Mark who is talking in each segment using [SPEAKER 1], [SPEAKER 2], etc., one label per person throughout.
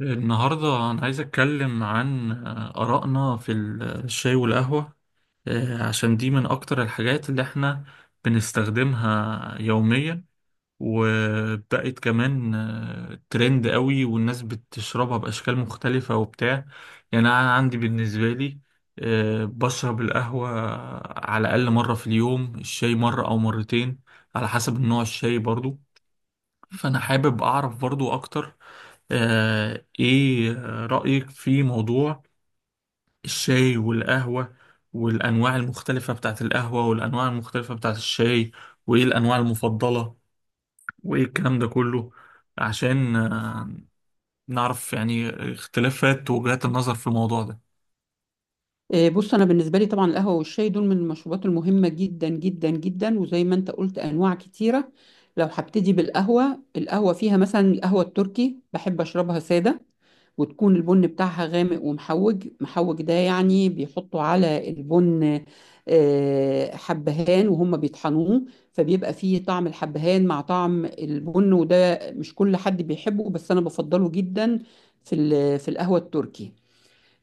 [SPEAKER 1] النهاردة أنا عايز أتكلم عن آرائنا في الشاي والقهوة. عشان دي من أكتر الحاجات اللي إحنا بنستخدمها يوميا، وبقت كمان ترند قوي والناس بتشربها بأشكال مختلفة وبتاع. يعني أنا عندي بالنسبة لي بشرب القهوة على الأقل مرة في اليوم، الشاي مرة أو مرتين على حسب النوع، الشاي برضو. فأنا حابب أعرف برضو أكتر إيه رأيك في موضوع الشاي والقهوة، والأنواع المختلفة بتاعت القهوة والأنواع المختلفة بتاعت الشاي، وإيه الأنواع المفضلة، وإيه الكلام ده كله، عشان نعرف يعني اختلافات وجهات النظر في الموضوع ده.
[SPEAKER 2] بص انا بالنسبه لي طبعا القهوه والشاي دول من المشروبات المهمه جدا جدا جدا وزي ما انت قلت انواع كتيره. لو هبتدي بالقهوه، القهوه فيها مثلا القهوه التركي بحب اشربها ساده وتكون البن بتاعها غامق ومحوج، محوج ده يعني بيحطوا على البن حبهان وهم بيطحنوه، فبيبقى فيه طعم الحبهان مع طعم البن، وده مش كل حد بيحبه بس انا بفضله جدا في القهوه التركي.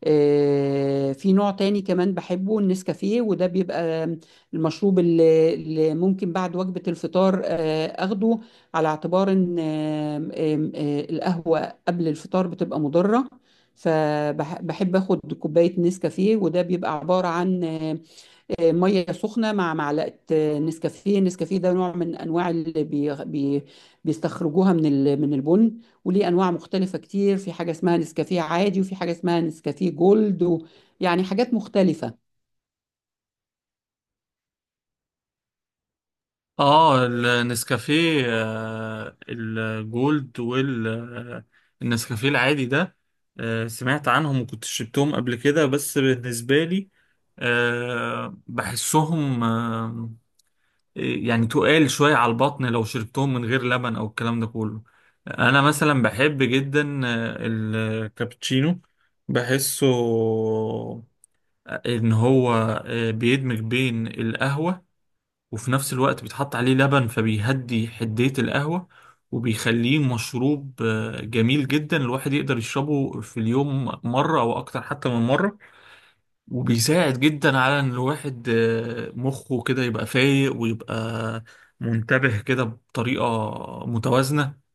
[SPEAKER 2] في نوع تاني كمان بحبه، النسكافيه، وده بيبقى المشروب اللي ممكن بعد وجبة الفطار اخده، على اعتبار ان آم، آم، آه، القهوة قبل الفطار بتبقى مضرة. فبحب اخد كوباية نسكافيه، وده بيبقى عبارة عن ميه سخنه مع معلقه نسكافيه. النسكافيه ده نوع من انواع اللي بي بي بيستخرجوها من البن، وليه انواع مختلفه كتير، في حاجه اسمها نسكافيه عادي وفي حاجه اسمها نسكافيه جولد يعني حاجات مختلفه.
[SPEAKER 1] اه، النسكافيه الجولد والنسكافيه العادي ده سمعت عنهم وكنت شربتهم قبل كده، بس بالنسبة لي بحسهم إيه، يعني تقال شوية على البطن لو شربتهم من غير لبن أو الكلام ده كله. أنا مثلا بحب جدا الكابتشينو، بحسه إن هو بيدمج بين القهوة وفي نفس الوقت بيتحط عليه لبن فبيهدي حدية القهوة، وبيخليه مشروب جميل جدا الواحد يقدر يشربه في اليوم مرة أو أكتر حتى من مرة، وبيساعد جدا على إن الواحد مخه كده يبقى فايق ويبقى منتبه كده بطريقة متوازنة.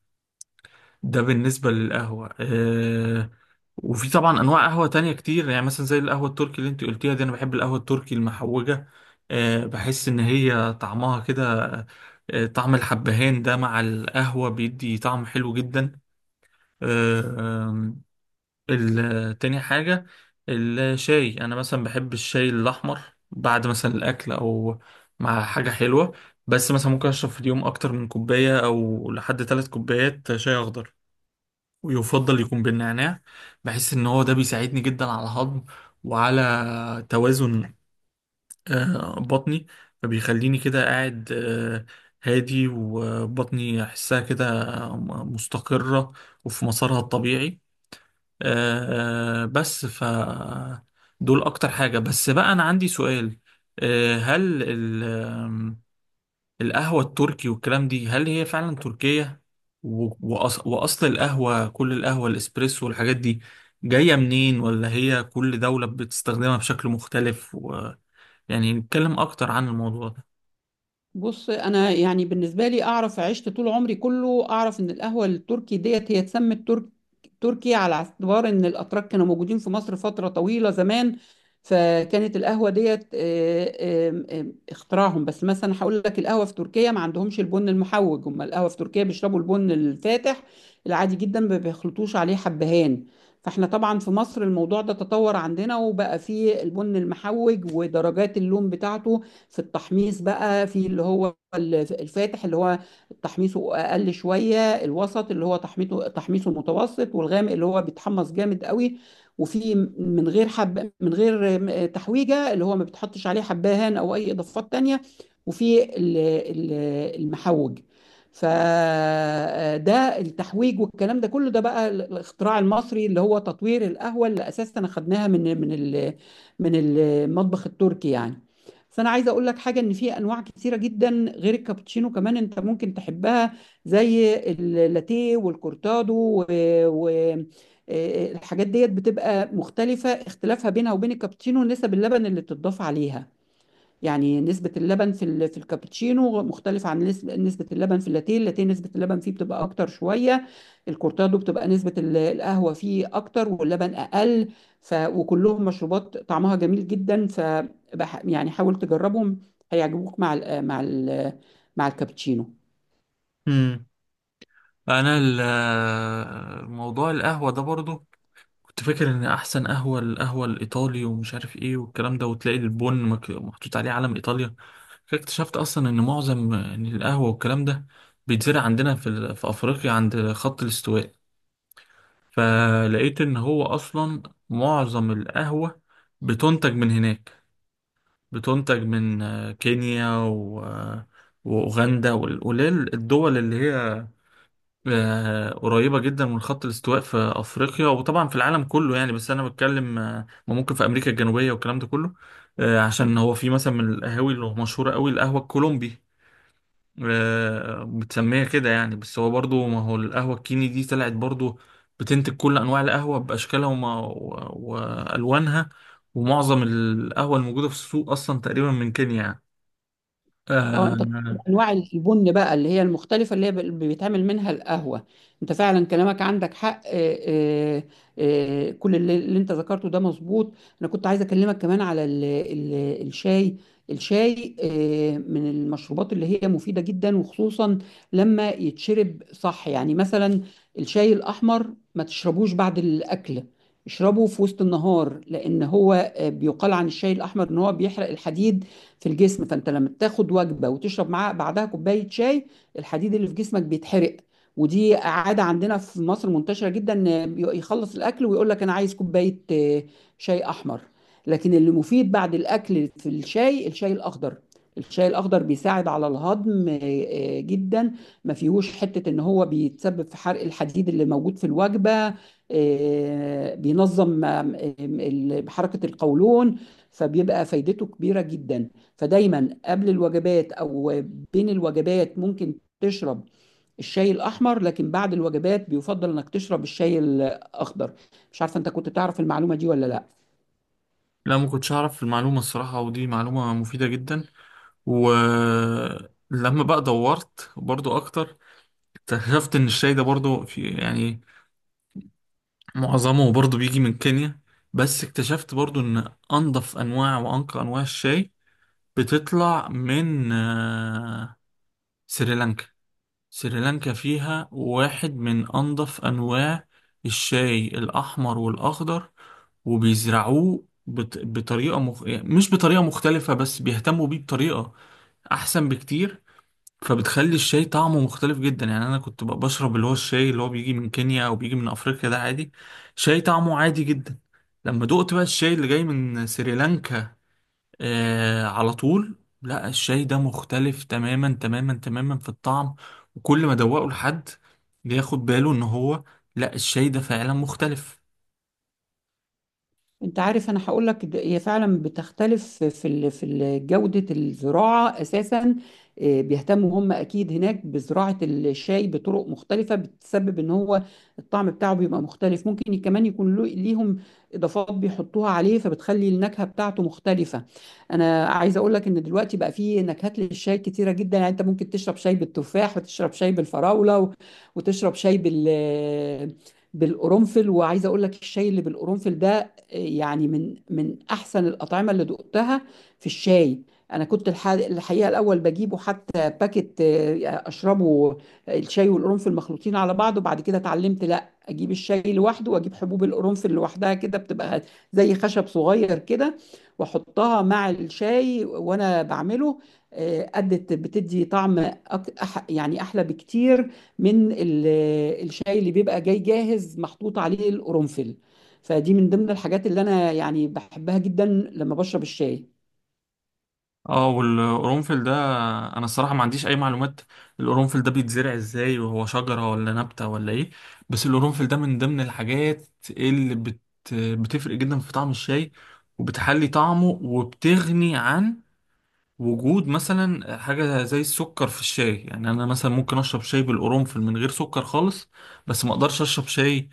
[SPEAKER 1] ده بالنسبة للقهوة وفي طبعا انواع قهوه تانية كتير، يعني مثلا زي القهوه التركي اللي انت قلتيها دي، انا بحب القهوه التركي المحوجه. بحس ان هي طعمها كده طعم الحبهان ده مع القهوه بيدي طعم حلو جدا. أه آم، تاني حاجه الشاي، انا مثلا بحب الشاي الاحمر بعد مثلا الاكل او مع حاجه حلوه، بس مثلا ممكن اشرب في اليوم اكتر من كوبايه او لحد 3 كوبايات شاي اخضر، ويفضل يكون بالنعناع. بحس ان هو ده بيساعدني جدا على الهضم وعلى توازن بطني، فبيخليني كده قاعد هادي وبطني احسها كده مستقرة وفي مسارها الطبيعي. بس دول اكتر حاجة. بس بقى انا عندي سؤال، هل القهوة التركي والكلام دي هل هي فعلا تركية؟ وأصل القهوة، كل القهوة، الإسبريسو والحاجات دي، جاية منين؟ ولا هي كل دولة بتستخدمها بشكل مختلف يعني نتكلم أكتر عن الموضوع ده.
[SPEAKER 2] بص انا يعني بالنسبه لي اعرف، عشت طول عمري كله اعرف ان القهوه التركي ديت هي اتسمت تركي على اعتبار ان الاتراك كانوا موجودين في مصر فتره طويله زمان، فكانت القهوه ديت آه، آم، آم، اختراعهم. بس مثلا هقول لك، القهوه في تركيا ما عندهمش البن المحوج، هم القهوه في تركيا بيشربوا البن الفاتح العادي جدا، ما بيخلطوش عليه حبهان. فاحنا طبعا في مصر الموضوع ده تطور عندنا وبقى فيه البن المحوج ودرجات اللون بتاعته في التحميص، بقى في اللي هو الفاتح اللي هو تحميصه اقل شويه، الوسط اللي هو تحميصه متوسط، والغامق اللي هو بيتحمص جامد قوي. وفي من غير حب، من غير تحويجه، اللي هو ما بتحطش عليه حبهان او اي اضافات تانية، وفي المحوج. فده التحويج والكلام ده كله، ده بقى الاختراع المصري اللي هو تطوير القهوة اللي اساسا اخدناها من من المطبخ التركي يعني. بس انا عايزه اقول لك حاجه، ان في انواع كتيره جدا غير الكابتشينو كمان انت ممكن تحبها، زي اللاتيه والكورتادو و... و... آه، الحاجات ديت بتبقى مختلفه، اختلافها بينها وبين الكابتشينو نسب اللبن اللي بتضاف عليها. يعني نسبة اللبن في الكابتشينو مختلفة عن نسبة اللبن في اللاتيه، اللاتيه نسبة اللبن فيه بتبقى أكتر شوية، الكورتادو بتبقى نسبة القهوة فيه أكتر واللبن أقل. ف وكلهم مشروبات طعمها جميل جدا، ف يعني حاول تجربهم، هيعجبوك مع ال مع ال مع الكابتشينو.
[SPEAKER 1] مم. أنا موضوع القهوة ده برضو كنت فاكر ان احسن قهوه، القهوه الايطالي، ومش عارف ايه والكلام ده، وتلاقي البن محطوط عليه علم ايطاليا. فجأة اكتشفت اصلا ان معظم إن القهوه والكلام ده بيتزرع عندنا في افريقيا عند خط الاستواء. فلقيت ان هو اصلا معظم القهوه بتنتج من هناك، بتنتج من كينيا واوغندا والقليل الدول اللي هي قريبة جدا من خط الاستواء في أفريقيا، وطبعا في العالم كله يعني، بس أنا بتكلم ما ممكن في أمريكا الجنوبية والكلام ده كله. عشان هو في مثلا من القهاوي اللي مشهورة قوي القهوة الكولومبي، بتسميها كده يعني، بس هو برضو ما هو القهوة الكيني دي طلعت برضو بتنتج كل أنواع القهوة بأشكالها وألوانها، ومعظم القهوة الموجودة في السوق أصلا تقريبا من كينيا يعني
[SPEAKER 2] اه انت بتقول
[SPEAKER 1] آه،
[SPEAKER 2] انواع البن بقى اللي هي المختلفه اللي هي بيتعمل منها القهوه، انت فعلا كلامك عندك حق. كل اللي انت ذكرته ده مظبوط. انا كنت عايزه اكلمك كمان على ال ال الشاي. الشاي من المشروبات اللي هي مفيده جدا، وخصوصا لما يتشرب صح. يعني مثلا الشاي الاحمر ما تشربوش بعد الاكل، اشربه في وسط النهار، لان هو بيقال عن الشاي الاحمر ان هو بيحرق الحديد في الجسم، فانت لما بتاخد وجبه وتشرب معاها بعدها كوبايه شاي، الحديد اللي في جسمك بيتحرق. ودي عاده عندنا في مصر منتشره جدا، إن يخلص الاكل ويقول لك انا عايز كوبايه شاي احمر. لكن اللي مفيد بعد الاكل في الشاي، الشاي الاخضر. الشاي الاخضر بيساعد على الهضم جدا، ما فيهوش حته ان هو بيتسبب في حرق الحديد اللي موجود في الوجبه، بينظم حركه القولون، فبيبقى فايدته كبيره جدا. فدايما قبل الوجبات او بين الوجبات ممكن تشرب الشاي الاحمر، لكن بعد الوجبات بيفضل انك تشرب الشاي الاخضر. مش عارفه انت كنت تعرف المعلومه دي ولا لا.
[SPEAKER 1] لا، ما كنتش أعرف المعلومة الصراحة، ودي معلومة مفيدة جدا. ولما بقى دورت برضو اكتر، اكتشفت ان الشاي ده برضو في، يعني معظمه برضو بيجي من كينيا، بس اكتشفت برضو ان انضف انواع وانقى انواع الشاي بتطلع من سريلانكا. سريلانكا فيها واحد من انضف انواع الشاي، الاحمر والاخضر، وبيزرعوه بطريقة يعني مش بطريقة مختلفة، بس بيهتموا بيه بطريقة أحسن بكتير، فبتخلي الشاي طعمه مختلف جدا. يعني انا كنت بقى بشرب اللي هو الشاي اللي هو بيجي من كينيا او بيجي من افريقيا ده عادي، شاي طعمه عادي جدا. لما دقت بقى الشاي اللي جاي من سريلانكا، على طول، لا الشاي ده مختلف تماما تماما تماما في الطعم. وكل ما ادوقه لحد بياخد باله ان هو لا الشاي ده فعلا مختلف.
[SPEAKER 2] انت عارف، انا هقول لك هي فعلا بتختلف في جودة الزراعة اساسا. بيهتموا هم اكيد هناك بزراعة الشاي بطرق مختلفة، بتسبب ان هو الطعم بتاعه بيبقى مختلف. ممكن كمان يكون ليهم اضافات بيحطوها عليه، فبتخلي النكهة بتاعته مختلفة. انا عايزة اقول لك ان دلوقتي بقى فيه نكهات للشاي كتيرة جدا، يعني انت ممكن تشرب شاي بالتفاح وتشرب شاي بالفراولة وتشرب شاي بالقرنفل. وعايزه اقول لك الشاي اللي بالقرنفل ده يعني من احسن الاطعمه اللي دقتها في الشاي. انا كنت الحقيقه الاول بجيبه حتى باكت اشربه، الشاي والقرنفل مخلوطين على بعض، وبعد كده اتعلمت لا، اجيب الشاي لوحده واجيب حبوب القرنفل لوحدها، كده بتبقى زي خشب صغير كده، واحطها مع الشاي وانا بعمله. ادت، بتدي طعم يعني احلى بكتير من الشاي اللي بيبقى جاي جاهز محطوط عليه القرنفل. فدي من ضمن الحاجات اللي انا يعني بحبها جدا لما بشرب الشاي.
[SPEAKER 1] اه، والقرنفل ده انا الصراحه ما عنديش اي معلومات، القرنفل ده بيتزرع ازاي؟ وهو شجره ولا نبته ولا ايه؟ بس القرنفل ده من ضمن الحاجات اللي بتفرق جدا في طعم الشاي، وبتحلي طعمه، وبتغني عن وجود مثلا حاجه زي السكر في الشاي. يعني انا مثلا ممكن اشرب شاي بالقرنفل من غير سكر خالص، بس ما اقدرش اشرب شاي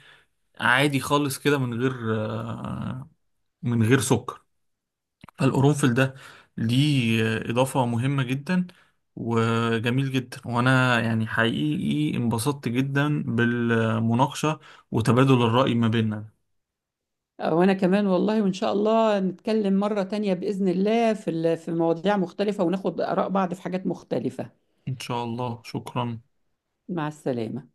[SPEAKER 1] عادي خالص كده آه، من غير سكر. فالقرنفل ده ليه إضافة مهمة جدا وجميل جدا، وأنا يعني حقيقي انبسطت جدا بالمناقشة وتبادل الرأي ما بيننا.
[SPEAKER 2] وانا كمان، والله وان شاء الله نتكلم مرة تانية بإذن الله في مواضيع مختلفة وناخد آراء بعض في حاجات مختلفة.
[SPEAKER 1] إن شاء الله. شكرا.
[SPEAKER 2] مع السلامة.